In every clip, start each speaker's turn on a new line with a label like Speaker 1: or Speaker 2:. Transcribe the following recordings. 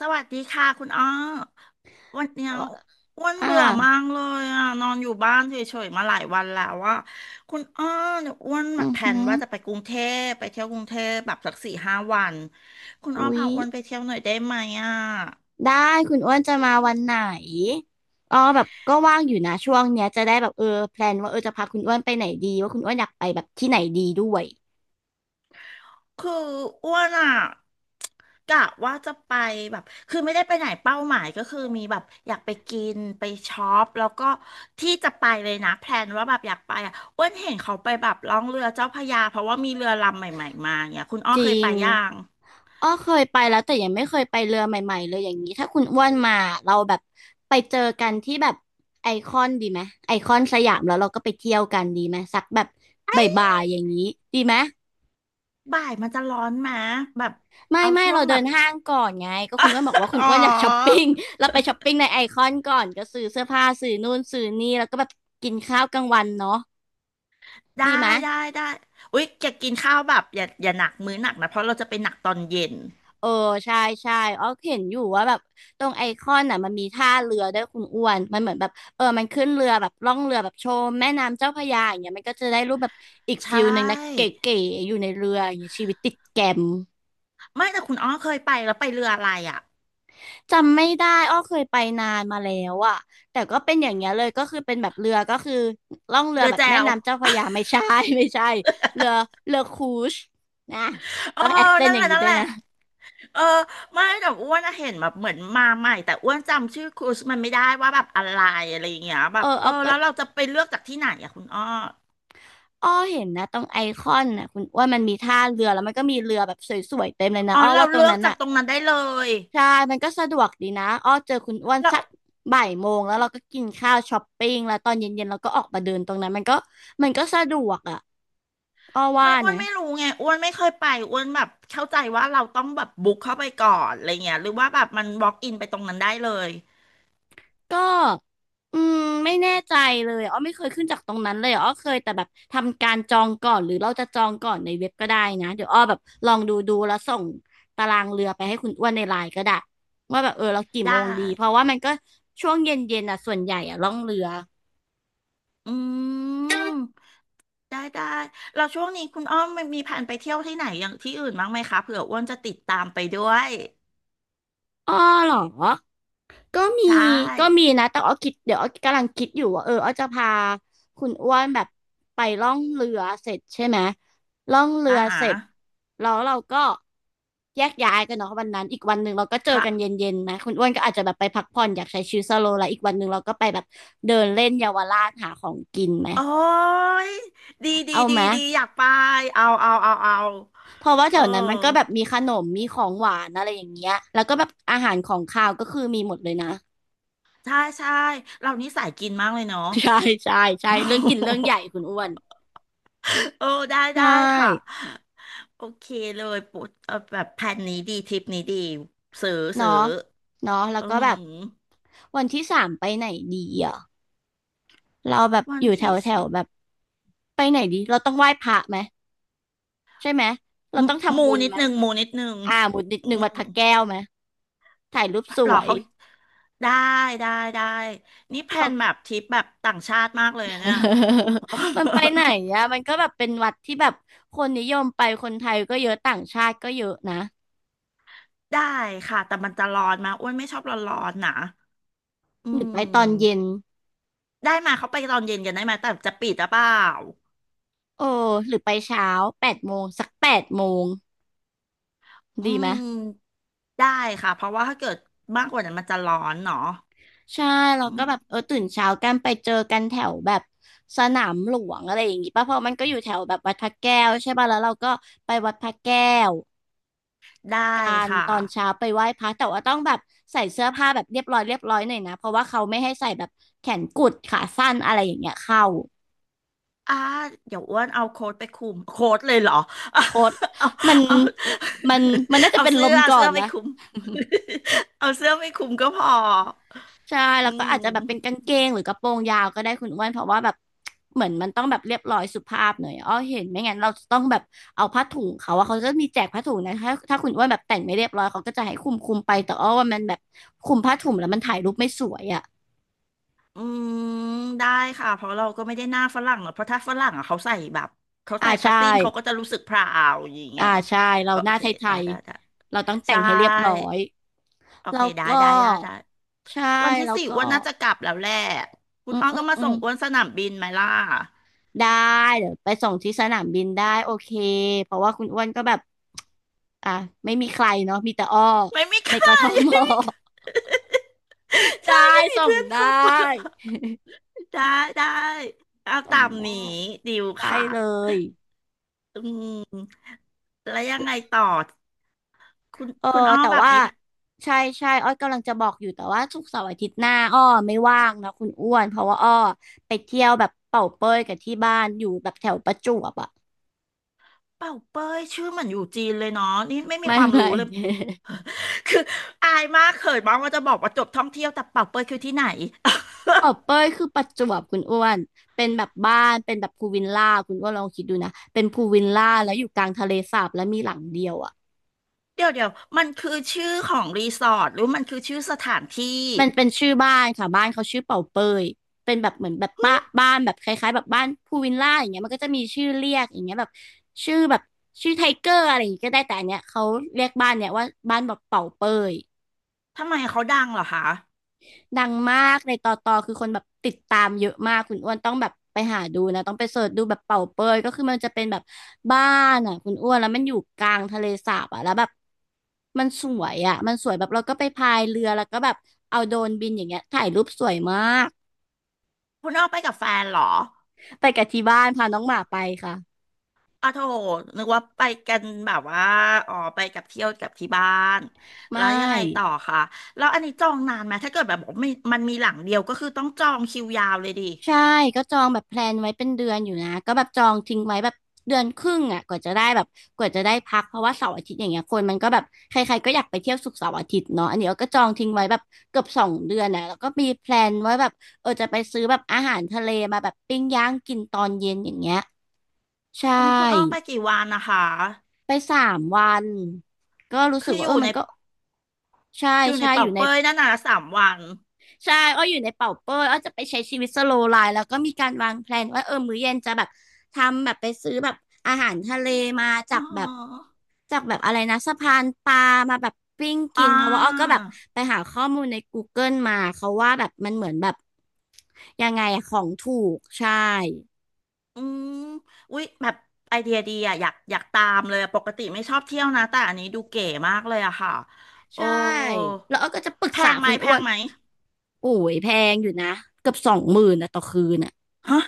Speaker 1: สวัสดีค่ะคุณอ้อวันเนี้ย
Speaker 2: เอ่อ
Speaker 1: อ้วน
Speaker 2: อ่า
Speaker 1: เบื่อมากเลยอ่ะนอนอยู่บ้านเฉยๆมาหลายวันแล้วอ่ะคุณอ้อเนี่ยอ้วนแบ
Speaker 2: อื
Speaker 1: บ
Speaker 2: อ
Speaker 1: แผ
Speaker 2: หื
Speaker 1: น
Speaker 2: อ
Speaker 1: ว่าจะไปกรุงเทพไปเที่ยวกรุงเทพแบบสักสี่ห้าวันคุณอ้อ
Speaker 2: อุ๊ย
Speaker 1: พาอ้วนไปเที่ยวหน่อยได้ไหมอ่ะ
Speaker 2: ได้ คุณอ้วนจะมาวันไหนอ๋อแบบก็ว่างอยู่นะช่วงเนี้ยจะได้แบบเออแพลนว่าเออจะพาคุณอ้วนไปไหนดีว่าคุณอ้วนอยากไปแบบที่ไหนดีด้วย
Speaker 1: คืออ้วนอ่ะกะว่าจะไปแบบคือไม่ได้ไปไหนเป้าหมายก็คือมีแบบอยากไปกินไปช็อปแล้วก็ที่จะไปเลยนะแพลนว่าแบบอยากไปอ่ะอ้วนเห็นเขาไปแบบล่องเรือเจ้าพระยาเพราะว่ามีเรือลำใหม่ๆมาเนี่ยคุณอ้อ
Speaker 2: จ
Speaker 1: เค
Speaker 2: ริ
Speaker 1: ยไป
Speaker 2: ง
Speaker 1: ย่าง
Speaker 2: อ้อเคยไปแล้วแต่ยังไม่เคยไปเรือใหม่ๆเลยอย่างนี้ถ้าคุณอ้วนมาเราแบบไปเจอกันที่แบบไอคอนดีไหมไอคอนสยามแล้วเราก็ไปเที่ยวกันดีไหมสักแบบบ่ายๆอย่างนี้ดีไหม
Speaker 1: บ่ายมันจะร้อนไหมแบบ
Speaker 2: ไม่
Speaker 1: เอา
Speaker 2: ไม่
Speaker 1: ช่วง
Speaker 2: เราเดิ
Speaker 1: แบบ
Speaker 2: นห้างก่อนไงก็คุณอ้วนบอกว่าคุ ณ
Speaker 1: อ๋
Speaker 2: อ้
Speaker 1: อ
Speaker 2: วนอยากช้อปปิ้ง เราไปช้อปปิ้งในไอคอนก่อนก็ซื้อเสื้อผ้าซื้อนู่นซื้อนี่แล้วก็แบบกินข้าวกลางวันเนาะ
Speaker 1: ได้
Speaker 2: ดีไหมย
Speaker 1: ได้อุ๊ยจะกินข้าวแบบอย่าหนักมื้อหนักนะเพราะเราจะไปหนักตอนเย็น
Speaker 2: เออใช่ใช่อ๋อเห็นอยู่ว่าแบบตรงไอคอนน่ะมันมีท่าเรือด้วยคุณอ้วนมันเหมือนแบบเออมันขึ้นเรือแบบล่องเรือแบบชมแม่น้ำเจ้าพระยาอย่างเงี้ยมันก็จะได้รูปแบบอีก
Speaker 1: ใช
Speaker 2: ฟิลหนึ่งนะเก
Speaker 1: ่
Speaker 2: ๋ๆอยู่ในเรืออย่างเงี้ยชีวิตติดแกม
Speaker 1: ไม่แต่คุณอ้อเคยไปแล้วไปเรืออะไรอ่ะ
Speaker 2: จำไม่ได้อ้อเคยไปนานมาแล้วอะแต่ก็เป็นอย่างเงี้ยเลย ก็คือเป็นแบบเรือก็คือล่องเรือ
Speaker 1: เรือ
Speaker 2: แบบ
Speaker 1: แจ
Speaker 2: แม่
Speaker 1: ว
Speaker 2: น้ำเจ้าพระยาไม่ใช่ ไม่ใช่เรือเรือครูซนะ
Speaker 1: เออ
Speaker 2: ต้องแอคเซน
Speaker 1: นั่
Speaker 2: ต์
Speaker 1: น
Speaker 2: อ
Speaker 1: แห
Speaker 2: ย่าง
Speaker 1: ละ
Speaker 2: นี้
Speaker 1: นั่น
Speaker 2: ด้ว
Speaker 1: แห
Speaker 2: ย
Speaker 1: ละ
Speaker 2: นะ
Speaker 1: เออไม่แต่อ้วนอะเห็นแบบเหมือนมาใหม่แต่อ้วนจำชื่อครูสมันไม่ได้ว่าแบบอะไรอะไรอย่างเงี้ยแบ
Speaker 2: เออ
Speaker 1: บเอ
Speaker 2: อ้
Speaker 1: อ
Speaker 2: อาก็
Speaker 1: แล้วเราจะไปเลือกจากที่ไหนอะคุณอ้อ
Speaker 2: อ้อเห็นนะตรงไอคอนน่ะคุณว่ามันมีท่าเรือแล้วมันก็มีเรือแบบสวยๆเต็มเลยนะ
Speaker 1: อ๋อ
Speaker 2: อ้อ
Speaker 1: เรา
Speaker 2: ว่าตร
Speaker 1: เลื
Speaker 2: ง
Speaker 1: อก
Speaker 2: นั้น
Speaker 1: จาก
Speaker 2: น่ะ
Speaker 1: ตรงนั้นได้เลย
Speaker 2: ใช่มันก็สะดวกดีนะอ้อเจอคุณอ้วน
Speaker 1: เรา
Speaker 2: สักบ่ายโมงแล้วเราก็กินข้าวช้อปปิ้งแล้วตอนเย็นๆเราก็ออกมาเดินตรงนั้นมันก็สะดวกอ่ะอ้อว่า
Speaker 1: ไม่อ้วน
Speaker 2: นะ
Speaker 1: ไม่รู้ไงอ้วนไม่เคยไปอ้วนแบบเข้าใจว่าเราต้องแบบบุ๊กเข้าไปก่อนอะไรเงี้ยหรือว่าแบบมันบล็อกอินไปตรงนั้นได้เลย
Speaker 2: ก็อืมไม่แน่ใจเลยอ้อไม่เคยขึ้นจากตรงนั้นเลยอ้อเคยแต่แบบทำการจองก่อนหรือเราจะจองก่อนในเว็บก็ได้นะเดี๋ยวอ้อแบบลองดูดูแล้วส่งตารางเรือไปให้คุณอ้วนในไลน์ก็ได้ว่าแบบเออเรากี่
Speaker 1: ได้
Speaker 2: โมงดีเพราะว่ามันก็ช่วงเย็นๆน่ะส่วนใหญ่อะล่องเรือ
Speaker 1: อืม ได้ได้เราช่วงนี้คุณอ้อมมีแผนไปเที่ยวที่ไหนอย่างที่อื่นบ้างไหมคะเผื่ออ้วนจะติดตามไปด้วย
Speaker 2: อ้อเหรอ ก็มี
Speaker 1: ใช่
Speaker 2: ก็มีนะแต่อ้อคิดเดี๋ยวอ้อกำลังคิดอยู่ว่าเอออ้อจะพาคุณอ้วนแบบไปล่องเรือเสร็จใช่ไหมล่องเรื
Speaker 1: อา
Speaker 2: อ
Speaker 1: ฮะ
Speaker 2: เสร็จแล้วเราก็แยกย้ายกันเนาะวันนั้นอีกวันหนึ่งเราก็เจอกันเย
Speaker 1: ค่ะ
Speaker 2: ็นๆนะคุณอ้วนก็อาจจะแบบไปพักผ่อนอยากใช้ชีวิตสโลว์ไลฟ์อีกวันหนึ่งเราก็ไปแบบเดินเล่นเยาวราชหาของกินไหม
Speaker 1: โอ้ยดีดี
Speaker 2: เอา
Speaker 1: ดี
Speaker 2: ไหม
Speaker 1: ดีอยากไป เอาเอาเอาเอา
Speaker 2: เพราะว่า
Speaker 1: เอ
Speaker 2: แถ
Speaker 1: อ
Speaker 2: วนั้นมันก็แบบมีขนมมีของหวานอะไรอย่างเงี้ยแล้วก็แบบอาหารของคาวก็คือมีหมดเลยนะ
Speaker 1: ใช่ใช่เรานี่สายกินมากเลยเนาะ
Speaker 2: ใช่ใช่ ใช่
Speaker 1: โอ
Speaker 2: เรื่อง
Speaker 1: ้
Speaker 2: กิน
Speaker 1: โ
Speaker 2: เรื่อง
Speaker 1: ห
Speaker 2: ใหญ่คุณอ้วน
Speaker 1: เออได้
Speaker 2: ใช
Speaker 1: ได้ค่ะ
Speaker 2: ่
Speaker 1: โอเคเลยปุ๊บเออแบบแผนนี้ดีทริปนี้ดีซื้อซื้
Speaker 2: เนาะ
Speaker 1: อ
Speaker 2: เนาะแล้ว
Speaker 1: อื
Speaker 2: ก็แบ
Speaker 1: ม
Speaker 2: บวันที่สามไปไหนดีอ่ะเราแบบ
Speaker 1: วั
Speaker 2: อ
Speaker 1: น
Speaker 2: ยู่แถ
Speaker 1: ที่
Speaker 2: วแถวแบบไปไหนดีเราต้องไหว้พระไหมใช่ไหมเรา
Speaker 1: มู
Speaker 2: ต้องทำ
Speaker 1: มู
Speaker 2: บุญ
Speaker 1: นิด
Speaker 2: ไหม
Speaker 1: นึงมูนิดนึง
Speaker 2: อ่าหมุดนิด
Speaker 1: อื
Speaker 2: หนึ่งวัด
Speaker 1: ม
Speaker 2: พระแก้วไหมถ่ายรูปส
Speaker 1: หร
Speaker 2: ว
Speaker 1: อ
Speaker 2: ย
Speaker 1: เขาได้ได้ได้นี่แพล
Speaker 2: เขา
Speaker 1: นแบบทริปแบบต่างชาติมากเลยเนี่ย
Speaker 2: มันไปไหนอะ มันก็แบบเป็นวัดที่แบบคนนิยมไปคนไทยก็เยอะต่างชาติก็เยอะนะ
Speaker 1: ได้ค่ะแต่มันจะร้อนมากอ้วนไม่ชอบร้อนๆนะอื
Speaker 2: หรือไปตอนเย็น
Speaker 1: มได้มาเขาไปตอนเย็นกันได้ไหมแต่จะปิดหรือเปล่า
Speaker 2: โอ้หรือไปเช้าแปดโมงสักแปดโมง
Speaker 1: อื
Speaker 2: ดีไหม
Speaker 1: มได้ค่ะเพราะว่าถ้าเกิดมากกว่านั้นมันจะร้อนเนาะ
Speaker 2: ใช่เรา
Speaker 1: อื
Speaker 2: ก็
Speaker 1: ม
Speaker 2: แบบเออตื่นเช้ากันไปเจอกันแถวแบบสนามหลวงอะไรอย่างงี้ป่ะเพราะมันก็อยู่แถวแบบวัดพระแก้วใช่ป่ะแล้วเราก็ไปวัดพระแก้ว
Speaker 1: ได้
Speaker 2: การ
Speaker 1: ค่ะ
Speaker 2: ตอนเช้าไปไหว้พระแต่ว่าต้องแบบใส่เสื้อผ้าแบบเรียบร้อยเรียบร้อยหน่อยนะเพราะว่าเขาไม่ให้ใส่แบบแขนกุดขาสั้นอะไรอย่างเงี้ยเข้า
Speaker 1: อ่าเดี๋ยวอ้วนเอาโค้ดไปคลุมโค้ดเลยเหรอ เอา
Speaker 2: โคตร
Speaker 1: เอา
Speaker 2: มัน
Speaker 1: เอา
Speaker 2: มันน่าจะเป็น
Speaker 1: เสื้
Speaker 2: ล
Speaker 1: อ
Speaker 2: ม
Speaker 1: เอา
Speaker 2: ก่อ
Speaker 1: เสื้อ
Speaker 2: น
Speaker 1: ไป
Speaker 2: นะ
Speaker 1: คลุม เอาเสื้อไปคลุมก็พอ
Speaker 2: ใช่
Speaker 1: อื
Speaker 2: แล้วก็อาจ
Speaker 1: ม
Speaker 2: จะแบบเป็นกางเกงหรือกระโปรงยาวก็ได้คุณอ้วนเพราะว่าแบบเหมือนมันต้องแบบเรียบร้อยสุภาพหน่อยอ้อเห็นไม่งั้นเราจะต้องแบบเอาผ้าถุงเขาว่าเขาจะมีแจกผ้าถุงนะถ้าคุณอ้วนแบบแต่งไม่เรียบร้อยเขาก็จะให้คุมคุมไปแต่อ้อว่ามันแบบคุมผ้าถุงแล้วมันถ่ายรูปไม่สวยอะ
Speaker 1: อืมได้ค่ะเพราะเราก็ไม่ได้หน้าฝรั่งหรอกเพราะถ้าฝรั่งอ่ะเขาใส่แบบเขา
Speaker 2: อ่า
Speaker 1: ใส่ผ้า
Speaker 2: ใช่
Speaker 1: สิ้นเขาก็จะรู้สึกพราวอย่างเงี้
Speaker 2: อ่า
Speaker 1: ย
Speaker 2: ใช่เรา
Speaker 1: โอ
Speaker 2: หน้า
Speaker 1: เค
Speaker 2: ไท
Speaker 1: ได้
Speaker 2: ย
Speaker 1: ได้ได้
Speaker 2: ๆเราต้องแต่
Speaker 1: ใช่
Speaker 2: งให้เรียบร้อย
Speaker 1: โอ
Speaker 2: แล้
Speaker 1: เค
Speaker 2: ว
Speaker 1: ได้
Speaker 2: ก็
Speaker 1: ได้ได้ได้
Speaker 2: ใช่
Speaker 1: วันที่
Speaker 2: แล้ว
Speaker 1: สี่
Speaker 2: ก็
Speaker 1: อ้วนน่าจะกลับแล้วแหละคุ
Speaker 2: อื
Speaker 1: ณ
Speaker 2: ม
Speaker 1: อ้อ
Speaker 2: อื
Speaker 1: ก็
Speaker 2: ม
Speaker 1: มา
Speaker 2: อื
Speaker 1: ส่
Speaker 2: ม
Speaker 1: งอ้วนสนามบินไหมล่ะ
Speaker 2: ได้เดี๋ยวไปส่งที่สนามบินได้โอเคเพราะว่าคุณอ้วนก็แบบอ่ะไม่มีใครเนาะมีแต่อ้อ
Speaker 1: ไม่มีใค
Speaker 2: ใน
Speaker 1: ร
Speaker 2: กท
Speaker 1: ไม่
Speaker 2: ม
Speaker 1: มีใคร
Speaker 2: ได้
Speaker 1: ใช่ไม่มี
Speaker 2: ส่ง
Speaker 1: เพื่อน
Speaker 2: ได
Speaker 1: คบอะ
Speaker 2: ้
Speaker 1: ได้ได้เอา
Speaker 2: ส่
Speaker 1: ตา
Speaker 2: ง
Speaker 1: ม
Speaker 2: ได้
Speaker 1: นี้ดิว
Speaker 2: ได้
Speaker 1: ค่ะ
Speaker 2: เลย
Speaker 1: อืมแล้วยังไงต่อคุณ
Speaker 2: เออ
Speaker 1: คุณอ้อ
Speaker 2: แต่
Speaker 1: แบบ
Speaker 2: ว่า
Speaker 1: มีเป่
Speaker 2: ใช่ใช่อ้อยกำลังจะบอกอยู่แต่ว่าศุกร์เสาร์อาทิตย์หน้าอ้อไม่ว่างนะคุณอ้วนเพราะว่าอ้อไปเที่ยวแบบเป่าเป้ยกับที่บ้านอยู่แบบแถวประจวบอ่ะ
Speaker 1: าเป้ยชื่อเหมือนอยู่จีนเลยเนาะนี่ไม่มี
Speaker 2: ไม่
Speaker 1: ความรู้
Speaker 2: ไม่
Speaker 1: เลย คืออายมากเขินมากว่าจะบอกว่าจบท่องเที่ยวแต่เป่าเป้ยคือที่ไหน
Speaker 2: ปอบเป้ยคือประจวบคุณอ้วนเป็นแบบบ้านเป็นแบบพูลวิลล่าคุณอ้วนลองคิดดูนะเป็นพูลวิลล่าแล้วอยู่กลางทะเลสาบแล้วมีหลังเดียวอ่ะ
Speaker 1: เดี๋ยวเดี๋ยวมันคือชื่อของรีสอร์ทหรือมันคือชื่อสถานที่
Speaker 2: มันเป็นชื่อบ้านค่ะบ้านเขาชื่อเป่าเป้ยเป็นแบบเหมือนแบบบ้านแบบคล้ายๆแบบบ้านพูลวิลล่าอย่างเงี้ยมันก็จะมีชื่อเรียกอย่างเงี้ยแบบชื่อแบบชื่อไทเกอร์อะไรอย่างเงี้ยก็ได้แต่อันเนี้ยเขาเรียกบ้านเนี้ยว่าบ้านแบบเป่าเป้ย
Speaker 1: ทำไมเขาดังเหรอคะ
Speaker 2: ดังมากในตอตอคือคนแบบติดตามเยอะมากคุณอ้วนต้องแบบไปหาดูนะต้องไปเสิร์ชดูแบบเป่าเปยก็คือมันจะเป็นแบบบ้านอ่ะคุณอ้วนแล้วมันอยู่กลางทะเลสาบอ่ะแล้วแบบมันสวยอ่ะมันสวยแบบเราก็ไปพายเรือแล้วก็แบบเอาโดรนบินอย่างเงี้ยถ่ายรูปสวยมาก
Speaker 1: คุณอ้อไปกับแฟนเหรอ
Speaker 2: ไปกับที่บ้านพาน้องหมาไปค่ะ
Speaker 1: อ๋อโถนึกว่าไปกันแบบว่าอ๋อไปกับเที่ยวกับที่บ้านแล้
Speaker 2: ไม่
Speaker 1: วยังไงต่อคะแล้วอันนี้จองนานไหมถ้าเกิดแบบบอกมีมันมีหลังเดียวก็คือต้องจองคิวยาวเลยดิ
Speaker 2: ใช่ก็จองแบบแพลนไว้เป็นเดือนอยู่นะก็แบบจองทิ้งไว้แบบเดือนครึ่งอ่ะกว่าจะได้พักเพราะว่าเสาร์อาทิตย์อย่างเงี้ยคนมันก็แบบใครๆก็อยากไปเที่ยวศุกร์เสาร์อาทิตย์เนาะอันนี้เราก็จองทิ้งไว้แบบเกือบสองเดือนนะแล้วก็มีแพลนไว้แบบเออจะไปซื้อแบบอาหารทะเลมาแบบปิ้งย่างกินตอนเย็นอย่างเงี้ยใช
Speaker 1: โอ้ยคุณอ้อไป
Speaker 2: ่
Speaker 1: กี่วันนะคะ
Speaker 2: ไปสามวันก็รู้สึ
Speaker 1: คื
Speaker 2: ก
Speaker 1: อ
Speaker 2: ว่า
Speaker 1: อ
Speaker 2: เออ
Speaker 1: ยู่ใน
Speaker 2: มันก็ใช่
Speaker 1: อยู่ใน
Speaker 2: ใช่อ
Speaker 1: เป่า
Speaker 2: ยู่ใน
Speaker 1: เป้ยนั่นน่ะสามวัน
Speaker 2: ใช่อ้ออยู่ในเป่าเป้ยอ้อจะไปใช้ชีวิตสโลว์ไลฟ์แล้วก็มีการวางแพลนว่าเออมื้อเย็นจะแบบทำแบบไปซื้อแบบอาหารทะเลมาจา
Speaker 1: อ๋
Speaker 2: กแบบ
Speaker 1: อ
Speaker 2: จากแบบอะไรนะสะพานปลามาแบบปิ้งกิ
Speaker 1: อ่
Speaker 2: นเพราะว่าอ้อก็
Speaker 1: า
Speaker 2: แบบไปหาข้อมูลใน Google มาเขาว่าแบบมันเหมือนแบบยังไงอะของถูกใช่
Speaker 1: อืมอุ้ยแบบไอเดียดีอะอยากอยากตามเลยอะปกติไม่ชอบเที่ยวนะแต่อันนี้ดูเก๋มากเลยอะค่ะโอ้
Speaker 2: ใช่แล้วอ้อก็จะปรึก
Speaker 1: แพ
Speaker 2: ษา
Speaker 1: งไหม
Speaker 2: คุณ
Speaker 1: แพ
Speaker 2: อ้ว
Speaker 1: ง
Speaker 2: น
Speaker 1: ไหม
Speaker 2: โอ้ยแพงอยู่นะเกือบ20,000นะต่อคืนอ่ะ
Speaker 1: ฮะ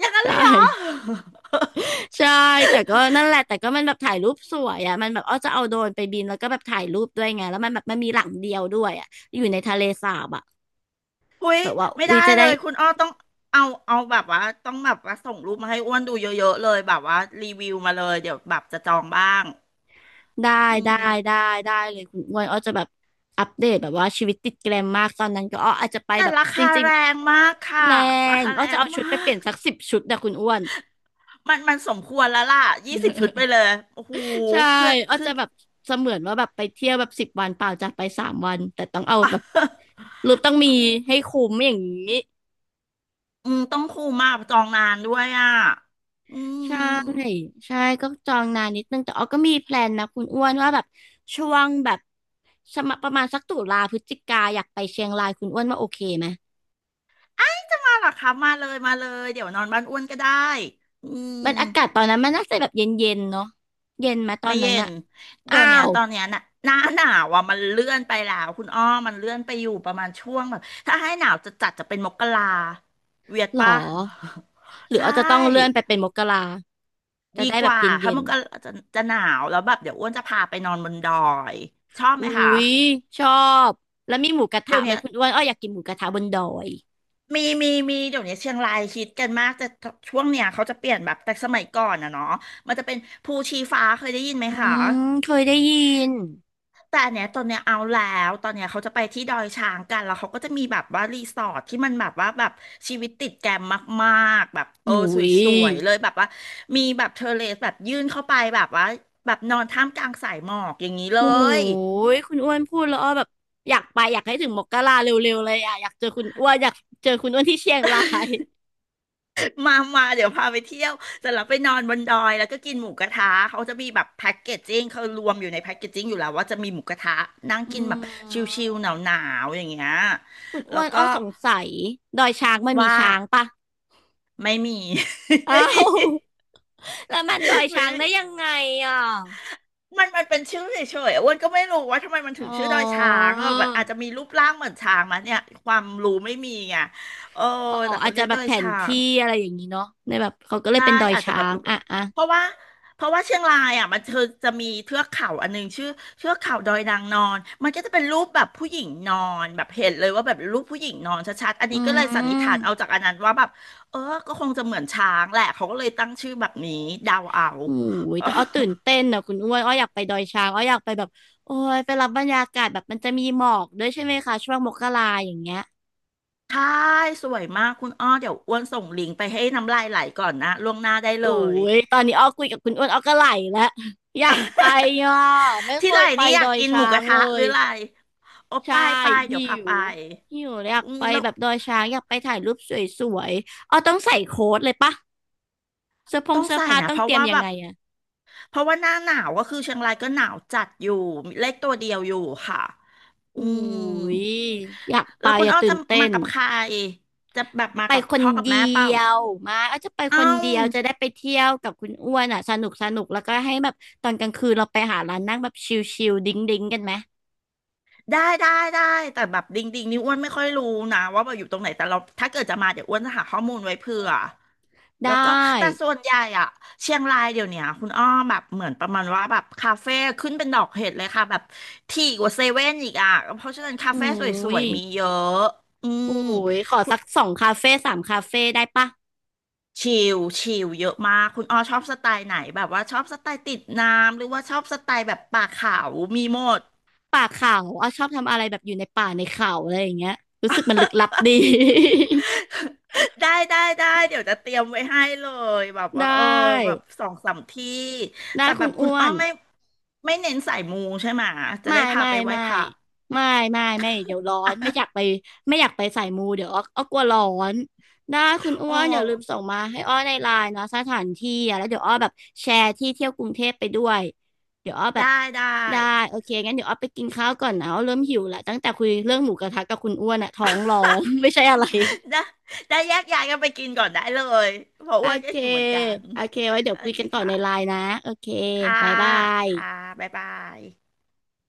Speaker 1: อย่างนั้
Speaker 2: ใช
Speaker 1: นเลยเหรอ
Speaker 2: ่ ใช่แต่ก็นั่นแหละแต่ก็มันแบบถ่ายรูปสวยอ่ะมันแบบอ้อจะเอาโดรนไปบินแล้วก็แบบถ่ายรูปด้วยไงแล้วมันแบบมันมีหลังเดียวด้วยอ่ะอยู่ในทะเลสาบอ่ะ
Speaker 1: อุ้ย
Speaker 2: แบบว่า
Speaker 1: ไม่
Speaker 2: วี
Speaker 1: ได้
Speaker 2: จะ
Speaker 1: เล
Speaker 2: ได้
Speaker 1: ยคุณอ้อต้องเอาเอาแบบว่าต้องแบบว่าส่งรูปมาให้อ้วนดูเยอะๆเลยแบบว่ารีวิวมาเลยเดี๋ยวแบบจะจองบ้าง
Speaker 2: ได้
Speaker 1: อื
Speaker 2: ได้ได้
Speaker 1: ม
Speaker 2: ได้เลยคุณอ้วนอ้อจะแบบอัปเดตแบบว่าชีวิตติดแกรมมากตอนนั้นก็อ้ออาจจะไป
Speaker 1: แต่
Speaker 2: แบบ
Speaker 1: รา
Speaker 2: จ
Speaker 1: คา
Speaker 2: ริง
Speaker 1: แรงมาก
Speaker 2: ๆแร
Speaker 1: ค่ะรา
Speaker 2: ง
Speaker 1: คา
Speaker 2: อ้
Speaker 1: แร
Speaker 2: อจะ
Speaker 1: ง
Speaker 2: เอา
Speaker 1: ม
Speaker 2: ชุดไปเป
Speaker 1: าก
Speaker 2: ลี่ยนสัก10 ชุดนะคุณอ้วน
Speaker 1: มันมันสมควรแล้วล่ะยี่สิบชุดไปเลยโอ้โห
Speaker 2: ใช่
Speaker 1: ขึ้น
Speaker 2: อ้อ
Speaker 1: ขึ้
Speaker 2: จะ
Speaker 1: น
Speaker 2: แบบเสมือนว่าแบบไปเที่ยวแบบ10 วันเปล่าจะไปสามวันแต่ต้องเอาแบบ รูปต้องมีให้คุ้มอย่างนี้
Speaker 1: อืมต้องคูมมากจองนานด้วยอ่ะอืม
Speaker 2: ใช่ใช่ก็จองนานนิดนึงแต่ออก็มีแพลนนะคุณอ้วนว่าแบบช่วงแบบสมะประมาณสักตุลาพฤศจิกาอยากไปเชียงรายคุณอ้วนว่าโอเคไหม
Speaker 1: มาหรอครับมาเลยมาเลยเดี๋ยวนอนบ้านอ้วนก็ได้อืม
Speaker 2: มันอากาศตอนนั้นมันน่าจะแบบเย็นๆนเนาะเย็นไหมตอ
Speaker 1: ไม่
Speaker 2: นนั้
Speaker 1: เย็
Speaker 2: นอะ
Speaker 1: นเดี๋
Speaker 2: อ้า
Speaker 1: ยวเนี้ย
Speaker 2: ว
Speaker 1: ตอนเนี้ยน่ะหน้า หนาวอ่ะมันเลื่อนไปแล้วคุณอ้อมันเลื่อนไปอยู่ประมาณช่วงแบบถ้าให้หนาวจะจัดจะเป็นมกราเวียด
Speaker 2: หรอ
Speaker 1: ป่ะ
Speaker 2: หรื อ
Speaker 1: ใช่
Speaker 2: อาจจะต้องเลื่อนไปเป็นมกราจะ
Speaker 1: ดี
Speaker 2: ได้
Speaker 1: ก
Speaker 2: แบบ
Speaker 1: ว่าถ้า
Speaker 2: เย็
Speaker 1: ม
Speaker 2: น
Speaker 1: กร
Speaker 2: ๆ
Speaker 1: าจะจะหนาวแล้วแบบเดี๋ยวอ้วนจะพาไปนอนบนดอยชอบไห
Speaker 2: อุ้
Speaker 1: มคะ
Speaker 2: ยชอบแล้วมีหมูกระทะ
Speaker 1: เดี๋ยว
Speaker 2: ไหม
Speaker 1: เนี้ย
Speaker 2: คุณอ้วนอ้ออยากกินหมูกระทะบนดอย
Speaker 1: มีมีมีเดี๋ยวเนี้ยเชียงรายฮิตกันมากแต่ช่วงเนี้ยเขาจะเปลี่ยนแบบแต่สมัยก่อนอะเนาะมันจะเป็นภูชีฟ้าเคยได้ยินไหม
Speaker 2: อื
Speaker 1: คะ
Speaker 2: มเคยได้ยิน
Speaker 1: แต่อันเนี้ยตอนเนี้ยเอาแล้วตอนเนี้ยเขาจะไปที่ดอยช้างกันแล้วเขาก็จะมีแบบว่ารีสอร์ทที่มันแบบว่าแบบชีวิตติดแกรมมากๆแบบ
Speaker 2: หมู
Speaker 1: ส
Speaker 2: ย
Speaker 1: วยๆเลยแบบว่ามีแบบเทอร์เลสแบบยื่นเข้าไปแบบว่าแบบนอนท่ามกลางสายหมอกอย่างนี้เล
Speaker 2: โอ้
Speaker 1: ย
Speaker 2: ยคุณอ้วนพูดแล้วอ้อแบบอยากไปอยากให้ถึงมกราเร็วๆเลยอ่ะอยากเจอคุณอ้วนอยากเจอคุณอ้วนที่เชียงราย
Speaker 1: มาเดี๋ยวพาไปเที่ยวเสร็จแล้วไปนอนบนดอยแล้วก็กินหมูกระทะเขาจะมีแบบแพ็กเกจจิ้งเขารวมอยู่ในแพ็กเกจจิ้งอยู่แล้วว่าจะมีหมูกระทะนั่ง
Speaker 2: อื
Speaker 1: กินแบบ
Speaker 2: ม
Speaker 1: ชิลๆหนาวๆอย่างเงี้ย
Speaker 2: คุณอ้
Speaker 1: แล้
Speaker 2: ว
Speaker 1: ว
Speaker 2: น
Speaker 1: ก็
Speaker 2: อ้อสงสัยดอยช้างมันมี
Speaker 1: ว่า
Speaker 2: ช้างปะ
Speaker 1: ไม่มี
Speaker 2: อ้า
Speaker 1: ไม่มี
Speaker 2: วแล้วมันดอย
Speaker 1: เฮ้
Speaker 2: ช้า
Speaker 1: ย
Speaker 2: งได้ยังไงอ่ะ
Speaker 1: มันเป็นชื่อเฉยๆอ้วนก็ไม่รู้ว่าทำไมมัน
Speaker 2: อ๋
Speaker 1: ถึง
Speaker 2: อ
Speaker 1: ชื่อดอยช้างอะแบบอาจจะมีรูปร่างเหมือนช้างมาเนี่ยความรู้ไม่มีไงเออ
Speaker 2: อ๋อ
Speaker 1: แต่
Speaker 2: อา
Speaker 1: เขา
Speaker 2: จ
Speaker 1: เรี
Speaker 2: จะ
Speaker 1: ยก
Speaker 2: แบ
Speaker 1: ด
Speaker 2: บ
Speaker 1: อย
Speaker 2: แผน
Speaker 1: ช้าง
Speaker 2: ที่อะไรอย่างนี้เนาะในแบบเขาก็เลย
Speaker 1: ใช่
Speaker 2: เป็นดอย
Speaker 1: อาจจะ
Speaker 2: ช้า
Speaker 1: แบบ
Speaker 2: ง
Speaker 1: รูป
Speaker 2: อ่ะอ่ะ
Speaker 1: เพราะว่าเพราะว่าเชียงรายอ่ะมันเธอจะมีเทือกเขาอันหนึงชื่อเทือกเขาดอยนางนอนมันก็จะเป็นรูปแบบผู้หญิงนอนแบบเห็นเลยว่าแบบรูปผู้หญิงนอนชัดๆอัน
Speaker 2: อื
Speaker 1: นี้ก็เลยสันนิษฐานเอา
Speaker 2: ม
Speaker 1: จากอันนั้นว่าแบบเออก็คงจะเหมือนช้างแหละเขาก็เลยตั้งชื่อแบบนี้เดาเอา
Speaker 2: โอ้ยแต่อ้อตื่นเต้นนะคุณอ้วนอ้ออยากไปดอยช้างอ้ออยากไปแบบโอ้ยไปรับบรรยากาศแบบมันจะมีหมอกด้วยใช่ไหมคะช่วงมกราอย่างเงี้ย
Speaker 1: ใช่สวยมากคุณอ้อเดี๋ยวอ้วนส่งลิงก์ไปให้น้ำลายไหลก่อนนะล่วงหน้าได้
Speaker 2: โอ้
Speaker 1: เลย
Speaker 2: ยตอนนี้อ้อคุยกับคุณอ้วนอ้อก็ไหลแล้วอยากไปอ่ะไม่เค
Speaker 1: ที่ไหล
Speaker 2: ยไป
Speaker 1: นี้อ
Speaker 2: ด
Speaker 1: ยาก
Speaker 2: อย
Speaker 1: กินห
Speaker 2: ช้า
Speaker 1: มูก
Speaker 2: ง
Speaker 1: ระ
Speaker 2: เล
Speaker 1: ทะหรือ
Speaker 2: ย
Speaker 1: อะไรโอ้ไป
Speaker 2: ใช่
Speaker 1: ไปเดี๋
Speaker 2: หิ
Speaker 1: ยวพาไป
Speaker 2: วหิวอยาก
Speaker 1: อืม
Speaker 2: ไป
Speaker 1: แล้ว
Speaker 2: แบบดอยช้างอยากไปถ่ายรูปสวยๆอ้อต้องใส่โค้ทเลยปะ
Speaker 1: ต้อง
Speaker 2: เสื้อ
Speaker 1: ใส่
Speaker 2: ผ้า
Speaker 1: นะ
Speaker 2: ต้อ
Speaker 1: เพ
Speaker 2: งเต
Speaker 1: ราะ
Speaker 2: รียม
Speaker 1: ว่า
Speaker 2: ยั
Speaker 1: แบ
Speaker 2: งไง
Speaker 1: บ
Speaker 2: อะ
Speaker 1: เพราะว่าหน้าหนาวก็คือเชียงรายก็หนาวจัดอยู่เล็กตัวเดียวอยู่ค่ะ
Speaker 2: โอ้
Speaker 1: อื
Speaker 2: ย
Speaker 1: ม
Speaker 2: อยากไป
Speaker 1: แล้วคุ
Speaker 2: อ
Speaker 1: ณ
Speaker 2: ย่า
Speaker 1: อ้อ
Speaker 2: ตื่
Speaker 1: จะ
Speaker 2: นเต้
Speaker 1: มา
Speaker 2: น
Speaker 1: กับใครจะแบบมา
Speaker 2: ไป
Speaker 1: กับ
Speaker 2: คน
Speaker 1: พ่อกับ
Speaker 2: เดี
Speaker 1: แม่เปล่า
Speaker 2: ยวมาก็จะไปค
Speaker 1: เอ้า
Speaker 2: นเดียวจะได้ไปเที่ยวกับคุณอ้วนอ่ะสนุกสนุกแล้วก็ให้แบบตอนกลางคืนเราไปหาร้านนั่งแบบชิลๆดิ้งดิ้งกันไหม
Speaker 1: ได้ได้ได้แต่แบบดิงดิงนี่อ้วนไม่ค่อยรู้นะว่าแบบอยู่ตรงไหนแต่เราถ้าเกิดจะมาเดี๋ยวอ้วนจะหาข้อมูลไว้เผื่อ
Speaker 2: ได้
Speaker 1: แล้วก็แต่ส่วนใหญ่อะเชียงรายเดี๋ยวเนี้ยคุณอ้อมแบบเหมือนประมาณว่าแบบคาเฟ่ขึ้นเป็นดอกเห็ดเลยค่ะแบบถี่กว่าเซเว่นอีกอะเพราะฉะนั้นคา
Speaker 2: อุ้
Speaker 1: เฟ่สว
Speaker 2: ย
Speaker 1: ยๆมีเยอะอื
Speaker 2: อุ้
Speaker 1: ม
Speaker 2: ยขอสักสองคาเฟ่สามคาเฟ่ได้ปะ
Speaker 1: ชิลชิลเยอะมากคุณอ้อชอบสไตล์ไหนแบบว่าชอบสไตล์ติดน้ำหรือว่าชอบสไตล์แบบป่าเขามีหมด
Speaker 2: ป่าเขาอ้อชอบทำอะไรแบบอยู่ในป่าในเขาอะไรอย่างเงี้ยรู้สึกมันลึกลับดี
Speaker 1: ได้เดี๋ยวจะเตรียมไว้ให้เลยแบบ
Speaker 2: ได
Speaker 1: ว่าแบ
Speaker 2: ้
Speaker 1: บสองสามที่
Speaker 2: ได้
Speaker 1: แต่
Speaker 2: คุ
Speaker 1: แบ
Speaker 2: ณ
Speaker 1: บคุณ
Speaker 2: อ้ว
Speaker 1: อ้อ
Speaker 2: น
Speaker 1: มไม่เน้นสายมูใช่ไหมจะ
Speaker 2: ไม่
Speaker 1: ได้พา
Speaker 2: ไม่
Speaker 1: ไปไหว้
Speaker 2: ไม่
Speaker 1: พระ
Speaker 2: ไม่ไม่ไม่เดี๋ยวร้อนไม่อยากไป ไม่อยากไปสายมูเดี๋ยวอ้อกลัวร้อนได้คุณอ้
Speaker 1: โอ
Speaker 2: วนอย่าลืม
Speaker 1: ้
Speaker 2: ส่งมาให้อ้อในไลน์นะสถานที่อะแล้วเดี๋ยวอ้อแบบแชร์ที่เที่ยวกรุงเทพไปด้วยเดี๋ยวอ้อแบบ
Speaker 1: ได้ได้
Speaker 2: ได้โอเคงั้นเดี๋ยวอ้อไปกินข้าวก่อนนะอ้อเริ่มหิวละตั้งแต่คุยเรื่องหมูกระทะกับคุณอ้วนอะท้องร้อง ไม่ใช่อะไร
Speaker 1: ได้ ได้แยกย้ายกันไปกินก่อนได้เลยเพราะ
Speaker 2: โอ
Speaker 1: อ้วนก็
Speaker 2: เค
Speaker 1: หิวเหมือนกัน
Speaker 2: โอเคไว้เดี๋ย
Speaker 1: โอ
Speaker 2: วคุย
Speaker 1: เค
Speaker 2: กันต่อ
Speaker 1: ค่ะ
Speaker 2: ในไลน์นะโอเค
Speaker 1: ค่ะ
Speaker 2: บายบาย
Speaker 1: ค่ะบ๊ายบาย